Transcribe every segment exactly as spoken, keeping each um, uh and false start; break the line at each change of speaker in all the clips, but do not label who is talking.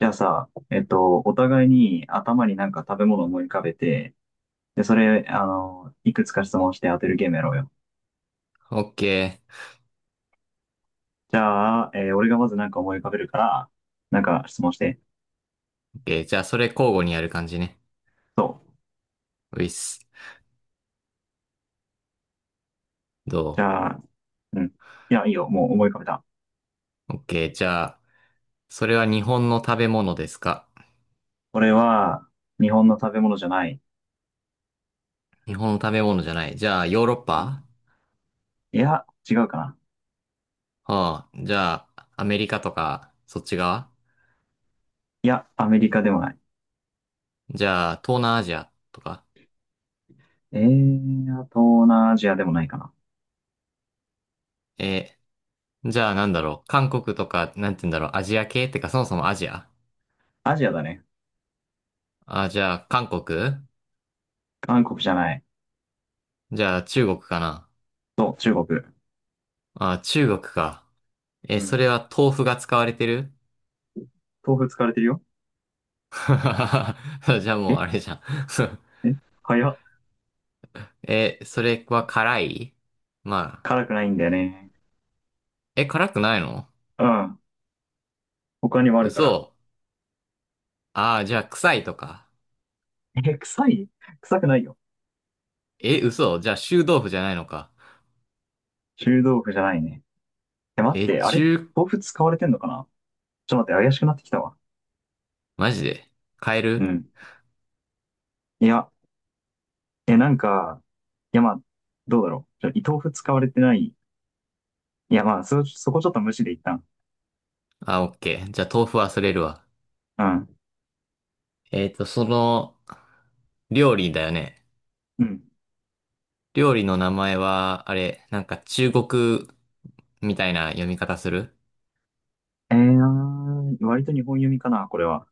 じゃあさ、えっと、お互いに頭になんか食べ物を思い浮かべて、で、それ、あの、いくつか質問して当てるゲームやろうよ。
オッケ
じゃあ、えー俺がまずなんか思い浮かべるから、なんか質問して。
ー。オッケー。じゃあ、それ交互にやる感じね。
そう。
ういっす。ど
じゃあ、うん。いや、いいよ。もう思い浮かべた。
うオッケー。じゃあ、それは日本の食べ物ですか？
俺は、日本の食べ物じゃない。
日本の食べ物じゃない。じゃあ、ヨーロッ
う
パ？
ん。いや、違うかな。
はあ。じゃあ、アメリカとか、そっち側？
いや、アメリカでもない。
じゃあ、東南アジアとか。
えー、あと、東南アジアでもないかな。
えー、じゃあ、なんだろう。韓国とか、なんて言うんだろう。アジア系ってか、そもそもアジア？
アジアだね。
あ、じゃあ、韓国？
韓国じゃない。
じゃあ、中国かな？
そう、中国。
あ、中国か。え
う
それ
ん。
は豆腐が使われてる？
豆腐使われてるよ。
じゃあもう
え
あれじゃん。
え、早っ。
え、それは辛い？まあ。
辛くないんだよね。
え、辛くないの？
うん。他にもあるから。
嘘。ああ、じゃあ臭いとか。
え、臭い？臭くないよ。
え、嘘。じゃあ臭豆腐じゃないのか。
臭豆腐じゃないね。え、待っ
え、
て、あれ
中、
豆腐使われてんのかな。ちょっと待って、怪しくなってきたわ。
マジで買え
う
る？
ん。いや、え、なんか、いや、まあ、どうだろう。ちょ、豆腐使われてない。いや、まあ、そ、そこちょっと無視で一旦。
あ、オッケー。じゃあ豆腐忘れるわ。
うん。
えっと、その、料理だよね。
うん。
料理の名前は、あれ、なんか中国みたいな読み方する？
えー、割と日本読みかな、これは。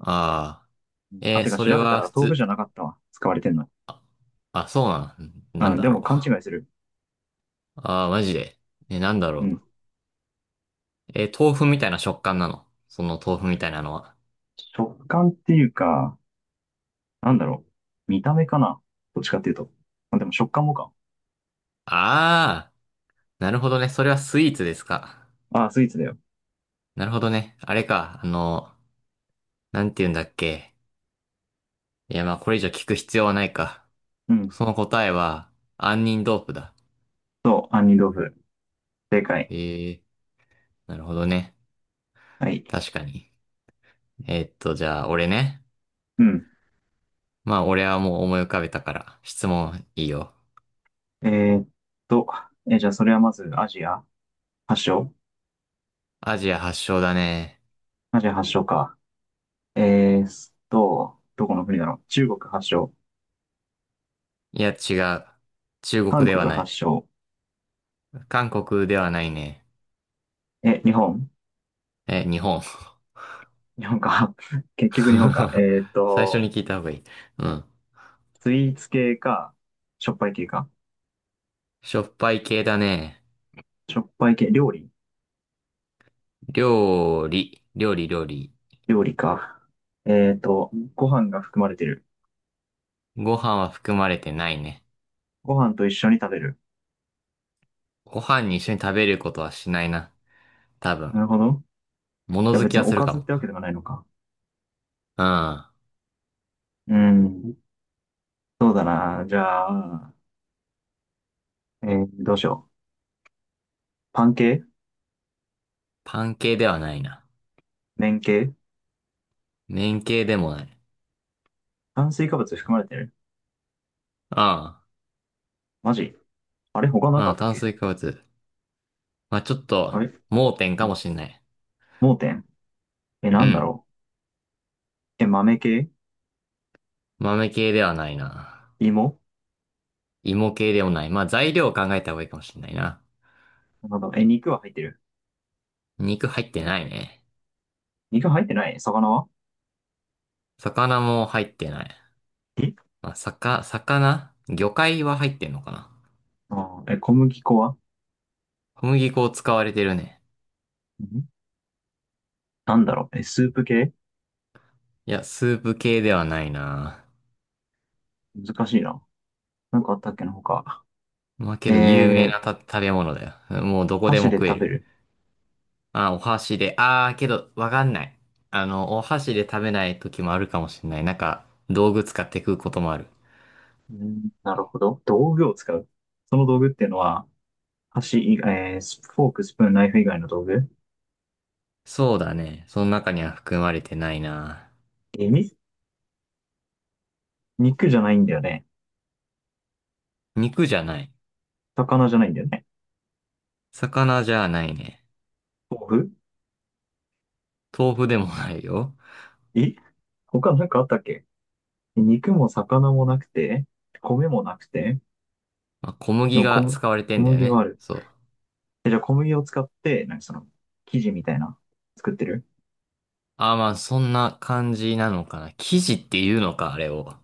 ああ
うん。
ー。え
あ、
ー
てか
それ
調べた
は
ら
普
豆腐
通、
じゃなかったわ。使われてんの。
あ、そうなん、な
う
ん
ん、で
だろ
も勘
う。
違いする。
ああ、マジで。え、なんだろ
うん。
う。えー豆腐みたいな食感なの？その豆腐みたいなのは。
食感っていうか、なんだろう。見た目かな。どっちかっていうと。まあ、でも食感もか。
あー、なるほどね。それはスイーツですか。
ああ、スイーツだよ。
なるほどね。あれか。あの、なんて言うんだっけ。いや、まあ、これ以上聞く必要はないか。
うん。
その答えは、杏仁豆腐だ。
そう、杏仁豆腐。正解。
ええ、なるほどね。
はい。
確かに。えーっと、じゃあ、俺ね。
うん。
まあ、俺はもう思い浮かべたから、質問いいよ。
えーっと、え、じゃあそれはまずアジア発祥？
アジア発祥だね。
アジア発祥か。えーっと、どこの国だろう。中国発祥？
いや、違う。中国
韓
では
国
な
発
い。
祥？
韓国ではないね。
え、日本？
え、日本。
日本か。結局日本か。えーっ
最初
と、
に聞いた方がいい。うん。
スイーツ系か、しょっぱい系か。
しょっぱい系だね。
しょっぱい系、料理？
料理、料理、料理。
料理か。えーっと、ご飯が含まれてる？
ご飯は含まれてないね。
ご飯と一緒に食べる？
ご飯に一緒に食べることはしないな。多分。
なるほど。
物
じゃあ
好
別
き
に
は
お
する
か
か
ずっ
も。
てわけではないのか。
うん。
うん。そうだな。じゃあ、えーどうしよう。パン系？
パン系ではないな。
麺系？
麺系でもない。
炭水化物含まれてる？
あ
マジ？あれ他なん
あ、
か
う
あっ
ん、
たっ
炭
け？
水化物。まあ、ちょっと、
あれ？
盲点
う
かも
ん。
しんない。
盲点？え、な
う
んだ
ん。
ろう。え、豆系？
豆系ではないな。
芋？
芋系でもない。まあ、材料を考えた方がいいかもしんないな。
なんだろう。え、肉は入ってる？
肉入ってないね。
肉入ってない。魚は？
魚も入ってない。
え。
まあ、さか、魚魚介は入ってんのかな？
あー、え、小麦粉は？
小麦粉を使われてるね。
ん。なんだろう。え、スープ系？
いや、スープ系ではないな。
難しいな。なんかあったっけな他。
まあ、け
え
ど有名
ー、
なた食べ物だよ。もうどこで
箸
も
で
食え
食べ
る。
る？
まあ、お箸で。あー、けど、わかんない。あの、お箸で食べない時もあるかもしれない。なんか、道具使って食うこともある。
うん。なるほど。道具を使う。その道具っていうのは、箸以外、えースフォーク、スプーン、ナイフ以外の道具？
そうだね。その中には含まれてないな。
え、み。肉じゃないんだよね。
肉じゃない。
魚じゃないんだよね。
魚じゃないね。
豆腐？
豆腐でもないよ。
え、他なんかあったっけ？肉も魚もなくて、米もなくて、
まあ、小
で
麦
も小
が
麦、
使われて
小
んだよ
麦は
ね。
ある。
そう。
え、じゃあ小麦を使って、なんかその、生地みたいな、作ってる？
あ、まあ、そんな感じなのかな。生地っていうのか、あれを。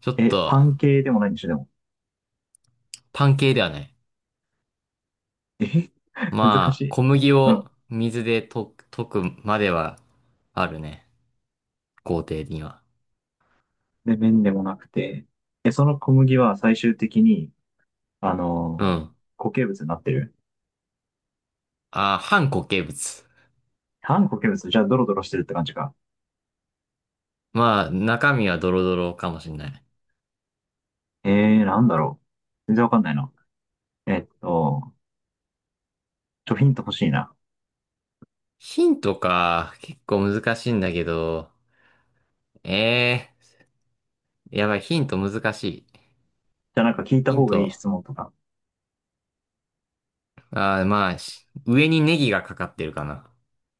ちょっ
え、
と、
パン系でもないんでしょ、でも。
パン系ではない。
え。 難し
まあ、
い。
小麦
う
を
ん。
水で溶く、溶くまではあるね。工程には。
で、麺でもなくて。え、その小麦は最終的に、あ
う
のー
ん。
固形物になってる。
あ、半固形物。
反固形物？じゃあドロドロしてるって感じか。
まあ、中身はドロドロかもしんない。
えー、なんだろう。全然わかんないな。えっと、ちょ、ヒント欲しいな。
ヒントか、結構難しいんだけど。ええ、やばい、ヒント難しい。
じゃあなんか聞いた
ヒン
方がいい
ト。
質問とか。
あー、まあ、し上にネギがかかってるかな。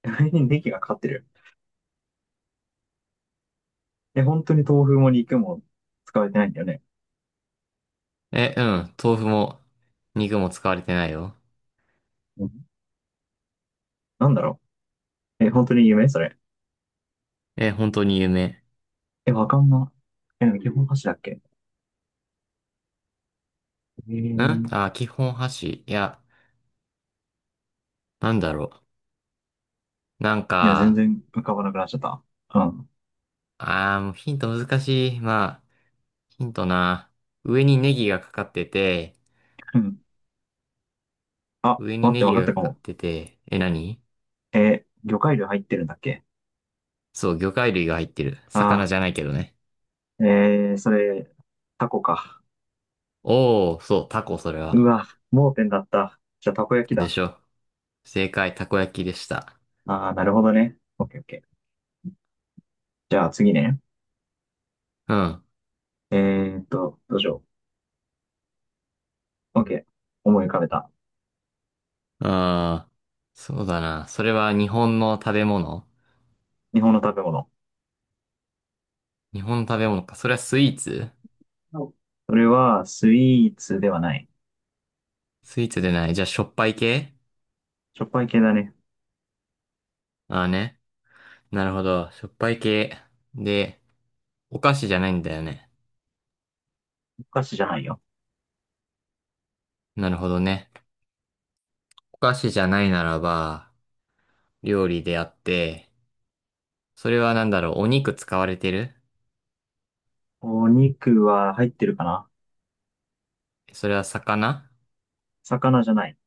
ネギがかかってる。え、本当に豆腐も肉も使われてないんだよね。
え、うん。豆腐も、肉も使われてないよ。
うん。なんだろう。え、本当に夢それ？
え、本当に有名。
え、わかんな。え、でも基本箸だっけ？え
ん、
ー、
あ、基本箸。いや、なんだろう。なん
いや、全
か、
然浮かばなくなっちゃった。うん。
あー、もうヒント難しい。まあ、ヒントな。上にネギがかかってて、
うん。あ、
上に
待って、
ネ
わ
ギ
かっ
が
た
か
か
かっ
も。
てて、え、何？
えー魚介類入ってるんだっけ？
そう、魚介類が入ってる。魚
あ
じゃないけどね。
ー、えー、それ、タコか。
おー、そう、タコ、それ
う
は。
わ、盲点だった。じゃあ、たこ焼き
で
だ。
しょ。正解、たこ焼きでした。
あー、なるほどね。オッケーオッケー。じゃあ、次ね。
うん。
えーっと、どうしよう。オッケー。思い浮かべた。
あー、そうだな。それは日本の食べ物？
日本の食べ物。
日本の食べ物か。それはスイーツ？
お。それは、スイーツではない。
スイーツでない。じゃあ、しょっぱい系？
しょっぱい系だね。
ああーね。なるほど。しょっぱい系。で、お菓子じゃないんだよね。
お菓子じゃないよ。
なるほどね。お菓子じゃないならば、料理であって、それはなんだろう、お肉使われてる？
お肉は入ってるかな。
それは魚？
魚じゃない。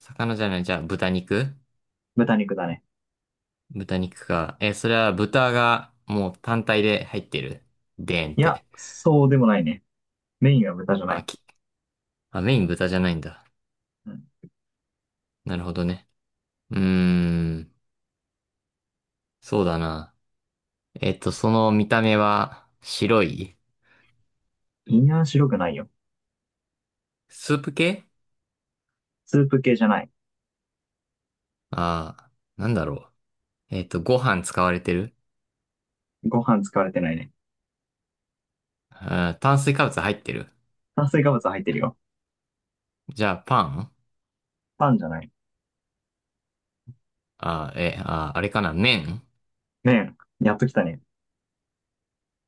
魚じゃない、じゃあ豚肉？
豚肉だね。
豚肉か。え、それは豚がもう単体で入ってる？でーんっ
いや、
て。
そうでもないね。メインは豚じゃな
あ、
い。
き、あ、メイン豚じゃないんだ。
うん。
なるほどね。うーん、そうだな。えっと、その見た目は白い？
胃には白くないよ。
スープ系？
スープ系じゃない。
ああー、なんだろう。えっと、ご飯使われてる？
ご飯使われてないね。
あー炭水化物入ってる？
炭水化物入ってるよ。
じゃあ、パン？
パンじゃない。
あー、え、あー、あれかな麺？
麺。やっときたね。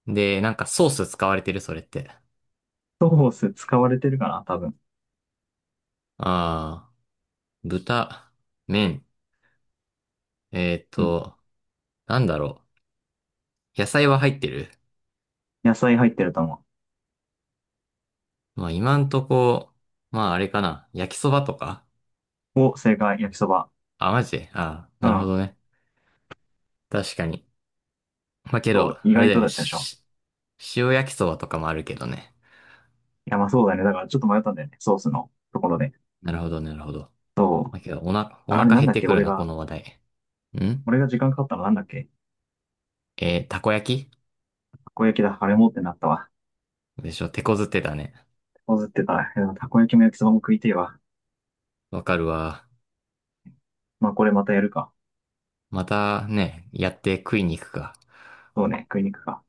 で、なんかソース使われてるそれって。
ソース使われてるかな多分。
あー、豚、麺。えっ
うん。
と、なんだろう。野菜は入ってる？
野菜入ってると思
まあ、今んとこ、まあ、あれかな焼きそばとか？
う。お、正解。焼きそば。
あ、マジで、あー、
う
なるほ
ん。
どね。確かに。まあ、けど、
と、意
あれ
外
だ
と
よ
だ
ね。
ったでしょ。
し塩焼きそばとかもあるけどね。
いや、まあそうだね。だからちょっと迷ったんだよね。ソースのところで。
なるほど、なるほど。
そ
ま
う。
あ、けど、おな、お
あれ
腹
なん
減っ
だっ
て
け。
くる
俺
な、こ
が、
の話題。ん、
俺が時間かかったのなんだっけ？
えーたこ焼
たこ焼きだ。あれもってなったわ。
きでしょ、手こずってたね。
こずってたら、いや、たこ焼きも焼きそばも食いてえわ。
わかるわ。
まあこれまたやるか。
またね、やって食いに行くか。
そうね。食いに行くか。